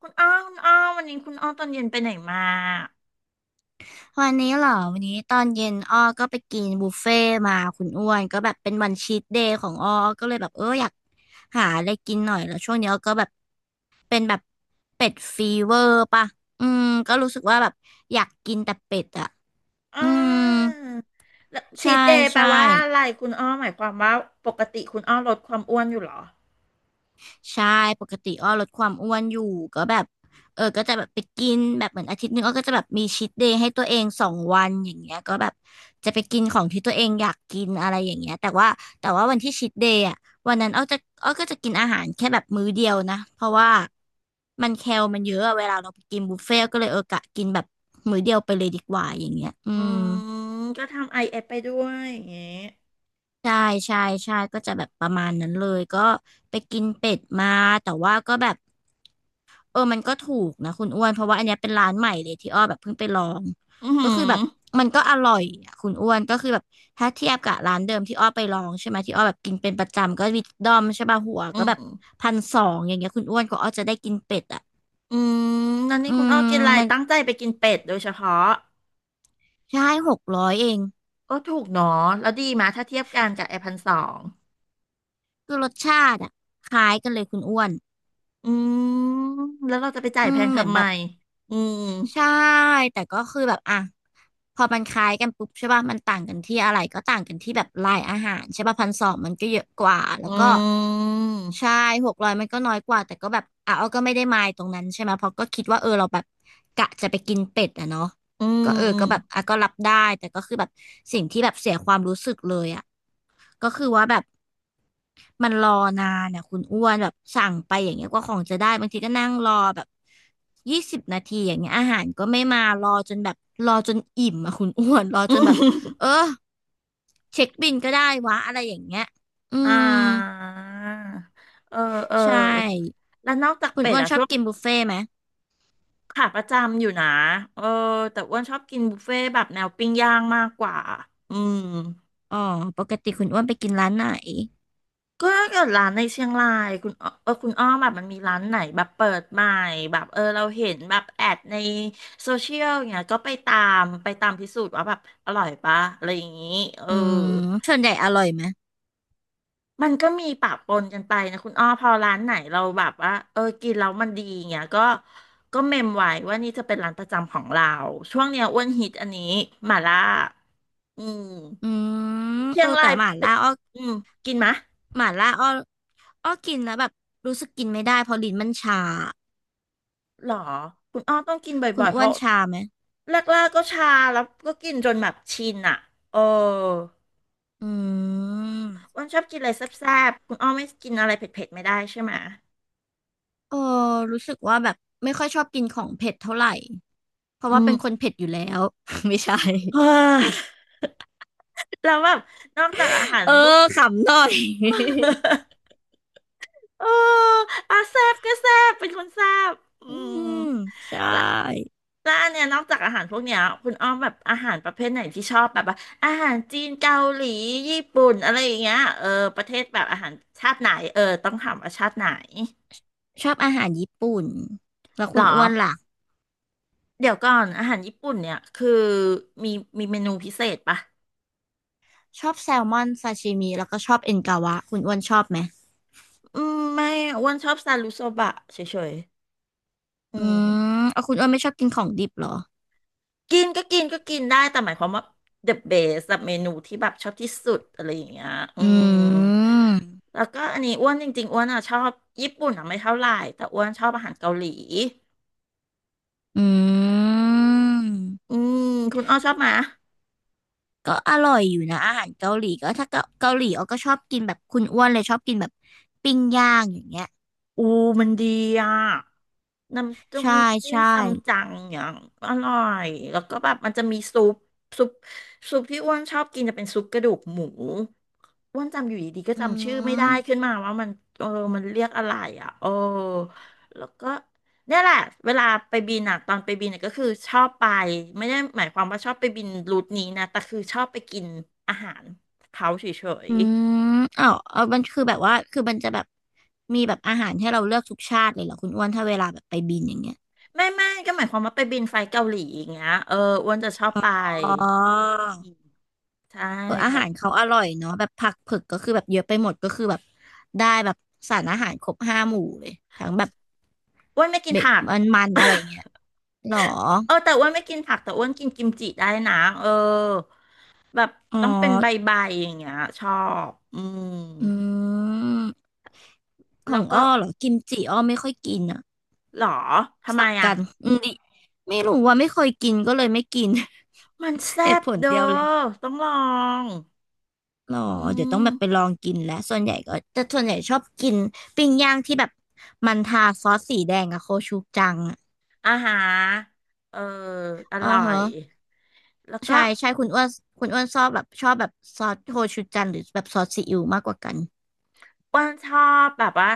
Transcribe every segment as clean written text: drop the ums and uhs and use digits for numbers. คุณอ้อวันนี้คุณอ้อตอนเย็นไปไหนมาวันนี้เหรอวันนี้ตอนเย็นอ้อก็ไปกินบุฟเฟ่ต์มาคุณอ้วนก็แบบเป็นวันชีทเดย์ของอ้ออ้อก็เลยแบบอยากหาอะไรกินหน่อยแล้วช่วงนี้อ้อก็แบบเป็นแบบเป็ดฟีเวอร์ป่ะอืมก็รู้สึกว่าแบบอยากกินแต่เป็ดอ่ะอ่อืมาแล้วชีทใช่เดย์แปลใช่ ว่าอะไรคุณอ้อหมายความว่าปกติคุณอ้อลดความอ้วนอยู่เหรอใช่ปกติอ้อลดความอ้วนอยู่ก็แบบก็จะแบบไปกินแบบเหมือนอาทิตย์หนึงอ้อก็จะแบบมีชีทเดย์ให้ตัวเอง2 วันอย่างเงี้ยก็แบบจะไปกินของที่ตัวเองอยากกินอะไรอย่างเงี้ยแต่ว่าวันที่ชีทเดย์อ่ะวันนั้นอ้อก็จะกินอาหารแค่แบบมื้อเดียวนะเพราะว่ามันแคลมันเยอะอะเวลาเราไปกินบุฟเฟ่ต์ก็เลยกะกินแบบมื้อเดียวไปเลยดีกว่าอย่างเงี้ยอือืมมก็ทำไอเอฟไปด้วยอย่างเงี้ยใช่ใช่ใช่ก็จะแบบประมาณนั้นเลยก็ไปกินเป็ดมาแต่ว่าก็แบบ มันก็ถูกนะคุณอ้วน เพราะว่าอันเนี้ยเป็นร้านใหม่เลยที่อ้อแบบเพิ่งไปลอง อือก็หืคืออแบบมันก็อร่อยอะคุณอ้วนก็คือแบบถ้าเทียบกับร้านเดิมที่อ้อไปลองใช่ไหมที่อ้อแบบกินเป็นประจำก็วิดดอมใช่ป่ะหัวอืก็แบมบพันสองอย่างเงี้ยคุณอ้วนก็อ้อจะได้กินเป็ดอ่ะอืมนั้นนี่อืคุณอ้อมกินอะไรมันตั้งใจไปกินเป็ดโดยเฉพาะใช่หกร้อยเองโอ้ถูกเนาะแล้วดีมาถ้าเทียบกันกับไอพันสองคือรสชาติอ่ะคล้ายกันเลยคุณอ้วนอืมแล้วเราจะไปจ่ายอืแพมงเหมือนทำไมแบบ อืมใช่แต่ก็คือแบบอ่ะพอมันคล้ายกันปุ๊บใช่ป่ะมันต่างกันที่อะไรก็ต่างกันที่แบบลายอาหารใช่ป่ะพันสองมันก็เยอะกว่าแล้อืวก็มใช่หกร้อยมันก็น้อยกว่าแต่ก็แบบอ่ะเอาก็ไม่ได้มายตรงนั้นใช่ไหมเพราะก็คิดว่าเราแบบกะจะไปกินเป็ดอะเนาะอืก็มอืก็แบบอ่ะก็รับได้แต่ก็คือแบบสิ่งที่แบบเสียความรู้สึกเลยอะก็คือว่าแบบ มันรอนานอ่ะคุณอ้วนแบบสั่งไปอย่างเงี้ยกว่าของจะได้บางทีก็นั่งรอแบบ20 นาทีอย่างเงี้ยอาหารก็ไม่มารอจนแบบรอจนอิ่มอ่ะคุณอ้วนรอม จนแบบ เออเช็คบิลก็ได้วะอะไรอย่างเงี้ยอือ่า มเออ เออ ใช่แล้วนอกจากคุณเป็ดอ้วนอะชอช่บวงกินบุฟเฟ่ต์ไหมขาประจำอยู่นะ เออ แต่อ้วนชอบกินบุฟเฟ่ต์แบบแนวปิ้งย่างมากกว่า อืม อ๋อปกติคุณอ้วนไปกินร้านไหนก็ถ้าเกิดร้านในเชียงรายคุณอ้อเออคุณอ้อมแบบมันมีร้านไหนแบบเปิดใหม่แบบเออเราเห็นแบบแอดในโซเชียลอย่างเงี้ยก็ไปตามพิสูจน์ว่าแบบอร่อยปะอะไรอย่างงี้เออ อืมส่วนใหญ่อร่อยไหมมันก็มีปะปนกันไปนะคุณอ้อพอร้านไหนเราแบบว่าเออกินแล้วมันดีเงี้ยก็เมมไว้ว่านี่จะเป็นร้านประจำของเราช่วงเนี้ยอ้วนฮิตอันนี้หม่าล่าอือืมมเชียงแต่รายหม่าเป็นล่าอ้ออืมกินมะหม่าล่าอ้ออ้อกินแล้วแบบรู้สึกกินไม่ได้เพราะลิ้นมันชา หรอคุณอ้อต้องกินคุบ่อณยๆเพอ้วราะนชาไหมแรกๆก็ชาแล้วก็กินจนแบบชินอ่ะเอออือ้มวนชอบกินอะไรแซ่บๆคุณอ้อไม่กินอะไรเผ็ดๆไม่ได้ใช่ไหมะเออรู้สึกว่าแบบไม่ค่อยชอบกินของเผ็ดเท่าไหร่เพราะอืว่าเป็ม น คนเผ็ดอยู่แล้ว ไม่ใช่เฮ้ยแล้วแบบนอกจากอาหารเออพวก ขำหน่อย เอออ่ะแซบก็แซบเป็นคนแซบอือืมมใชและ่แล้วอันเนี้ยนอกจากอาหารพวกเนี้ยคุณอ้อมแบบอาหารประเภทไหนที่ชอบแบบว่าอาหารจีนเกาหลีญี่ปุ่นอะไรอย่างเงี้ยเออ ประเทศแบบอาหารชาติไหน เออ ต้องถามว่าชาติไหนชอบอาหารญี่ปุ่นแล้วหคุรอ ณอ้วนล่ะเดี๋ยวก่อน อาหารญี่ปุ่นเนี่ย คือมีมีเมนูพิเศษปะชอบแซลมอนซาชิมิแล้วก็ชอบเอ็นกาวะคุณอ้วนชอบไหมอืมไม่อ้วนชอบซารุโซบะเฉยๆอือืม มเอาคุณอ้วนไม่ชอบกินของดิบเหรอกินก็กินก็กินได้แต่หมายความว่า the best แบบเมนูที่แบบชอบที่สุดอะไรอย่างเงี้ยอือืมมแล้วก็อันนี้อ้วนจริงๆอ้วนอ่ะชอบญี่ปุ่นอ่ะไม่เท่าไหร่แต่อ้วนชอบอาหารเกาหลีอืม อืมคุณอ้อชอบไหมก็อร่อยอยู่นะอาหารเกาหลีก็ถ้าเกาหลีอ้อก็ชอบกินแบบคุณอ้วนเลยชอบกินแบบปิ้งย่างอย่างเงี้ยอูมันดีอ่ะน้ำจิ้มใช่จิ้มใช่ซัมจังอย่างอร่อยแล้วก็แบบมันจะมีซุปซุปซุปที่อ้วนชอบกินจะเป็นซุปกระดูกหมู อ้วนจำอยู่ดีๆก็อืจำชื่อไม่ได้มขึ้นมาว่ามันเออมันเรียกอะไรอ่ะโอ้แล้วก็เนี่ยแหละเวลาไปบินอ่ะตอนไปบินเน่ยก็คือชอบไปไม่ได้หมายความว่าชอบไปบินรูทนี้นะแต่คือชอบไปกินอาหารเขาเฉยอืมอ้าวเอามันคือแบบว่าคือมันจะแบบมีแบบอาหารให้เราเลือกทุกชาติเลยเหรอคุณอ้วนถ้าเวลาแบบไปบินอย่างเงี้ยๆไม่ก็หมายความว่าไปบินไฟล์เกาหลีอย่างเงี้ยเอออ้วนจะชอบไปอ๋ออืมใช่เพอาราะหารเขาอร่อยเนาะแบบผักเผือกก็คือแบบเยอะไปหมดก็คือแบบได้แบบสารอาหารครบ5 หมู่เลยทั้งแบบอ้วนไม่กินเบ็ดผัก มันๆอะไรอ ย่างเงี้ยหรอเออแต่อ้วนไม่กินผักแต่อ้วนกินกิมจิได้นะเออแบบอ๋อต้องเป็นใบๆอย่างเงี้ยชอบอืมอืม ขแล้อวงก็อ้อเหรอกิมจิอ้อไม่ค่อยกินอ่ะหรอทำไมสับอ่ะกันอืมดิไม่รู้ว่าไม่เคยกินก็เลยไม่กิน มัน แซ่เหตุบผลเด้อเดียวเลยต้องลองหรออืเดี๋ยวต้องมแบบไปลองกินแล้วส่วนใหญ่ก็แต่ส่วนใหญ่ชอบกินปิ้งย่างที่แบบมันทาซอสสีแดงอะโคชูจังอะอาหารเออออ๋อร่อฮะยแล้วใช่ก็ใช่คุณอ้วนคุณอ้วนชอบแบบชอบแบบซอสโคชูจังหรือแบบซอสซีอิ๊วมากกว่ากันอ้วนชอบแบบว่า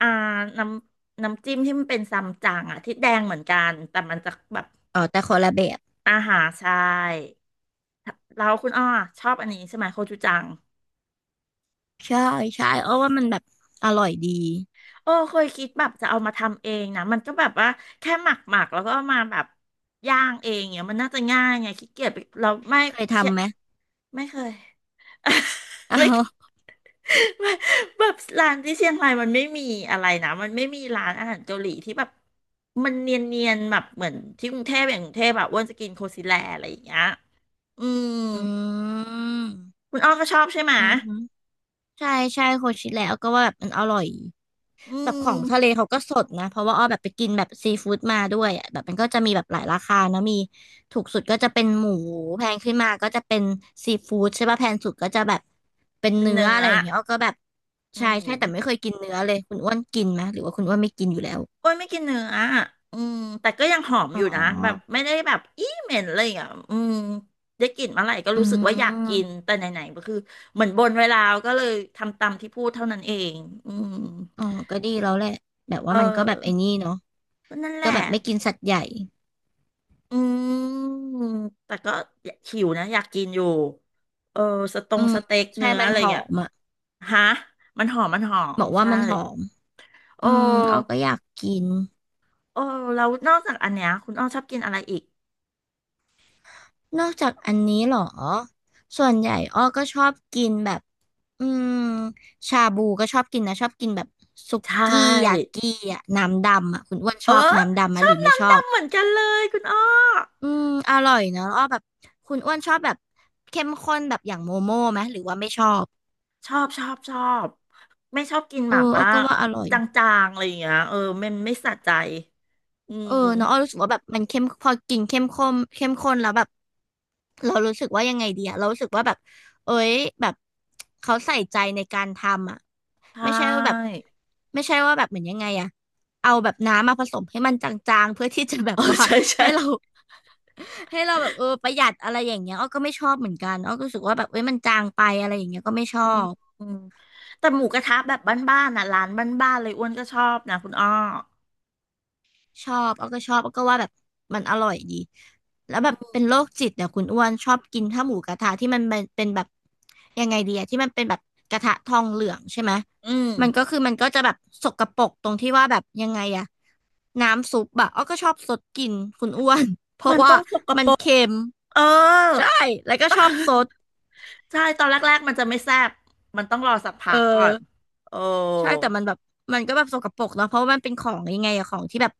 อ่าน้ำน้ำจิ้มที่มันเป็นซัมจั๋งอ่ะที่แดงเหมือนกันแต่มันจะแบบอ๋อแต่คนละแบบอาหารใช่ แล้วคุณอ้อชอบอันนี้ใช่ไหมโคจูจังใช่ใช่อ้อว่ามันแบบอร่อยดีโอ้เคยคิดแบบจะเอามาทำเองนะมันก็แบบว่าแค่หมักหมักแล้วก็เอามาแบบย่างเองเนี่ยมันน่าจะง่ายไงขี้เกียจไปเราไม่เคยเชยทำไหมไม่เคย อ้าไม่เควย ไม่แบบร้านที่เชียงรายมันไม่มีอะไรนะมันไม่มีร้านอาหารเกาหลีที่แบบมันเนียนๆแบบเหมือนที่กรุงเทพอย่างกรุงเทพแบบอ้วนจะกินโคซิแลอะไรอย่างเงี้ยอืมอืมคุณอ้อก็ชอบใช่ไหมะอืม ใช่ใช่โคชิแล้วก็ว่าแบบมันอร่อยอืแบบขอมงทะเลเขาก็สดนะเพราะว่าอ้อแบบไปกินแบบซีฟู้ดมาด้วยอ่ะแบบมันก็จะมีแบบหลายราคาเนอะมีถูกสุดก็จะเป็นหมูแพงขึ้นมาก็จะเป็นซีฟู้ดใช่ป่ะแพงสุดก็จะแบบเป็นเป็นเนื้อเนื้อะอ ไรอย่างเงี้ยอ้อก็แบบอืใช่ใช่มแต่ไม่เคยกินเนื้อเลยคุณอ้วนกินไหมหรือว่าคุณอ้วนไม่กินอยู่แล้วอ้วนไม่กินเนื้ออ่ะอืมแต่ก็ยังหอมอ๋อยู่นะแบบอไม่ได้แบบอี้เหม็นเลยอ่ะอืมได้กลิ่นเมื่อไหร่ก็อืรู้สึกว่าอยากกิน มแต่ไหนๆก็คือเหมือนบนไว้แล้วก็เลยทำตามที่พูดเท่านั้นเองอืมอ๋อก็ดีแล้วแหละแบบเว่ามันก็แบบไอ้ออนี่เนาะก็นั่นแหก็ละแบบไม่กินสัตว์ใหญ่อืมแต่ก็หิวนะอยากกินอยู่เออสตอืงมสเต็กใช่เนื้อมันอะไรหอเงี้ยมอ่ะฮะมันหอมมันหอบมอกว่าใช่มันหอม โออืมอ้อ้ก็อยากกินโอ้แล้วนอกจากอันเนี้ยคุณอ้อชอบกินอะไรอีก นอกจากอันนี้เหรอส่วนใหญ่อ้อก็ชอบกินแบบอืมชาบูก็ชอบกินนะชอบกินแบบสุใชกี้ยา่ กิอ่ะน้ำดำอ่ะคุณอ้วนชเอออบน้ำดำไหมชอหรืบอไม่ชน้ำอบดำเหมือนกันเลยคุณอ้ออืมอร่อยนะอ้อแบบคุณอ้วนชอบแบบเข้มข้นแบบอย่างโมโม่ไหมหรือว่าไม่ชอบชอบชอบไม่ชอบกินหเออม่าอ้อม่าก็ว่าอร่อย จางๆอะไรอย่างเงี้ยเออมันไม่สะใจอืเอมอเนาะอ้อรู้สึกว่าแบบมันเข้มพอกินเข้มข้นเข้มข้นแล้วแบบเรารู้สึกว่ายังไงดีอะเรารู้สึกว่าแบบเอ้ยแบบเขาใส่ใจในการทำอะใชไม่ใช่ว่าแบบ่ ไม่ใช่ว่าแบบเหมือนยังไงอะเอาแบบน้ำมาผสมให้มันจางๆเพื่อที่จะแบ เอบอว่าใช่ใช่ให้เรา ให้เราแบบเออประหยัดอะไรอย่างเงี้ยอ้อก็ไม่ชอบเหมือนกันอ้อก็รู้สึกว่าแบบเอ้ยมันจางไปอะไรอย่างเงี้ยก็ไม่ชออืมบ อืมแต่หมูกระทะแบบบ้านๆน่ะร้านบ้านๆเลยอ้วนก็ชอบนะคุณอ้อชอบเอาก็ชอบเอาก็ว่าแบบมันอร่อยดี แล้วแบบเป็นโรคจิตเนี่ยคุณอ้วนชอบกินข้าวหมูกระทะที่มันเป็นแบบยังไงดีอะที่มันเป็นแบบกระทะทองเหลืองใช่ไหมอืมมันก็คือมันก็จะแบบสกปรกตรงที่ว่าแบบยังไงอะน้ำซุปอะอ้อก็ชอบสดกินคุณอ้วน เพมัราะนว่าต้องสกมัปนรกเค็มเออ ใช่แล้วก็ชอบซด ใช่ตอนแรกๆมันจะไม่แซ่บมันต้องรอสักพัเออกก่อนโอ้ใช่แต่มันแบบมันก็แบบสกปรกเนาะเพราะว่ามันเป็นของยังไงอะของที่แบบ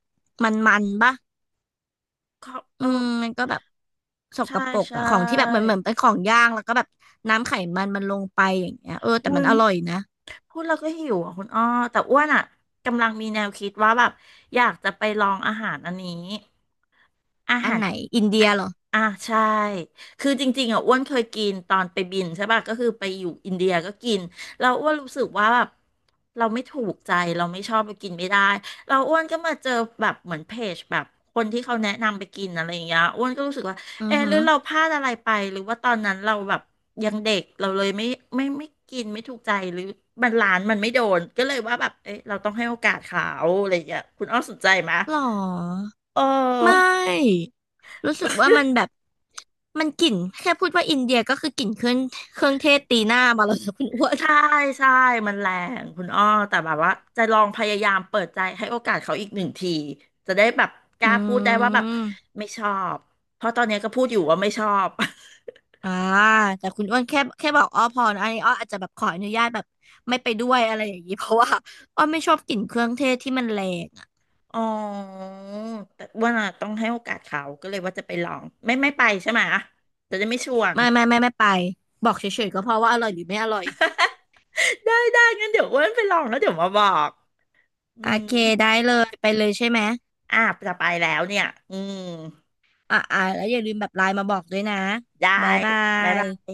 มันปะ เขาอืเออมมันก็แบบสกใช่ปรกใช่ อะของที่แบบเหมือนเป็นของย่างแล้วก็แบบน้ำไขมันมันลงไปอย่างเงี้ยเออแต่อุ้มัยนอร่อยนะพูดแล้วก็หิวอ่ะคุณอ้อแต่อ้วนอ่ะกำลังมีแนวคิดว่าแบบอยากจะไปลองอาหารอันนี้อาอันหารไหนอินเดียเหรออ่าใช่คือจริงๆอ่ะอ้วนเคยกินตอนไปบินใช่ป่ะก็คือไปอยู่อินเดียก็กินเราอ้วนรู้สึกว่าแบบเราไม่ถูกใจเราไม่ชอบไปกินไม่ได้เราอ้วนก็มาเจอแบบเหมือนเพจแบบคนที่เขาแนะนำไปกินอะไรอย่างเงี้ยอ้วนก็รู้สึกว่า อืเอะอหหืรืออเราพลาดอะไรไปหรือว่าตอนนั้นเราแบบยังเด็กเราเลยไม่กินไม่ถูกใจหรือมันร้านมันไม่โดนก็เลยว่าแบบเอ๊ะเราต้องให้โอกาสเขาอะไรอย่างเงี้ยคุณอ้อสนใจไหมะหรอเอไมอ่รู้สึกว่ามันแบบมันกลิ่นแค่พูดว่าอินเดียก็คือกลิ่นเครื่องเทศตีหน้ามาแล้วนะคุณอ้วนใช่ใช่มันแรงคุณอ้อแต่แบบว่าจะลองพยายามเปิดใจให้โอกาสเขาอีกหนึ่งทีจะได้แบบกอืล้าพูดได้ว่าแบบมไม่ชอบเพราะตอนเนี้ยก็พูดอยู่ว่าไม่ชอบ อ่าแต่คุณอ้วนแค่บอกอ้อพอนะอันนี้อ้ออาจจะแบบขออนุญาตแบบไม่ไปด้วยอะไรอย่างนี้เพราะว่าอ้อไม่ชอบกลิ่นเครื่องเทศที่มันแรง อ๋อแต่ว่าน่ะต้องให้โอกาสเขาก็เลยว่าจะไปลองไม่ไปใช่ไหมจะได้ไม่ชวน ไม่ไปบอกเฉยๆก็เพราะว่าอร่อยหรือไม่อร่อย ได้ได้งั้นเดี๋ยวอ้วนไปลองแล้วเดี๋ยวมาบอกอืโอมเคได้เลยไปเลยใช่ไหมอ่ะจะไปแล้วเนี่ยอืมอ่ะอ่ะแล้วอย่าลืมแบบไลน์มาบอกด้วยนะได้บ๊ายบาบ๊ายยบาย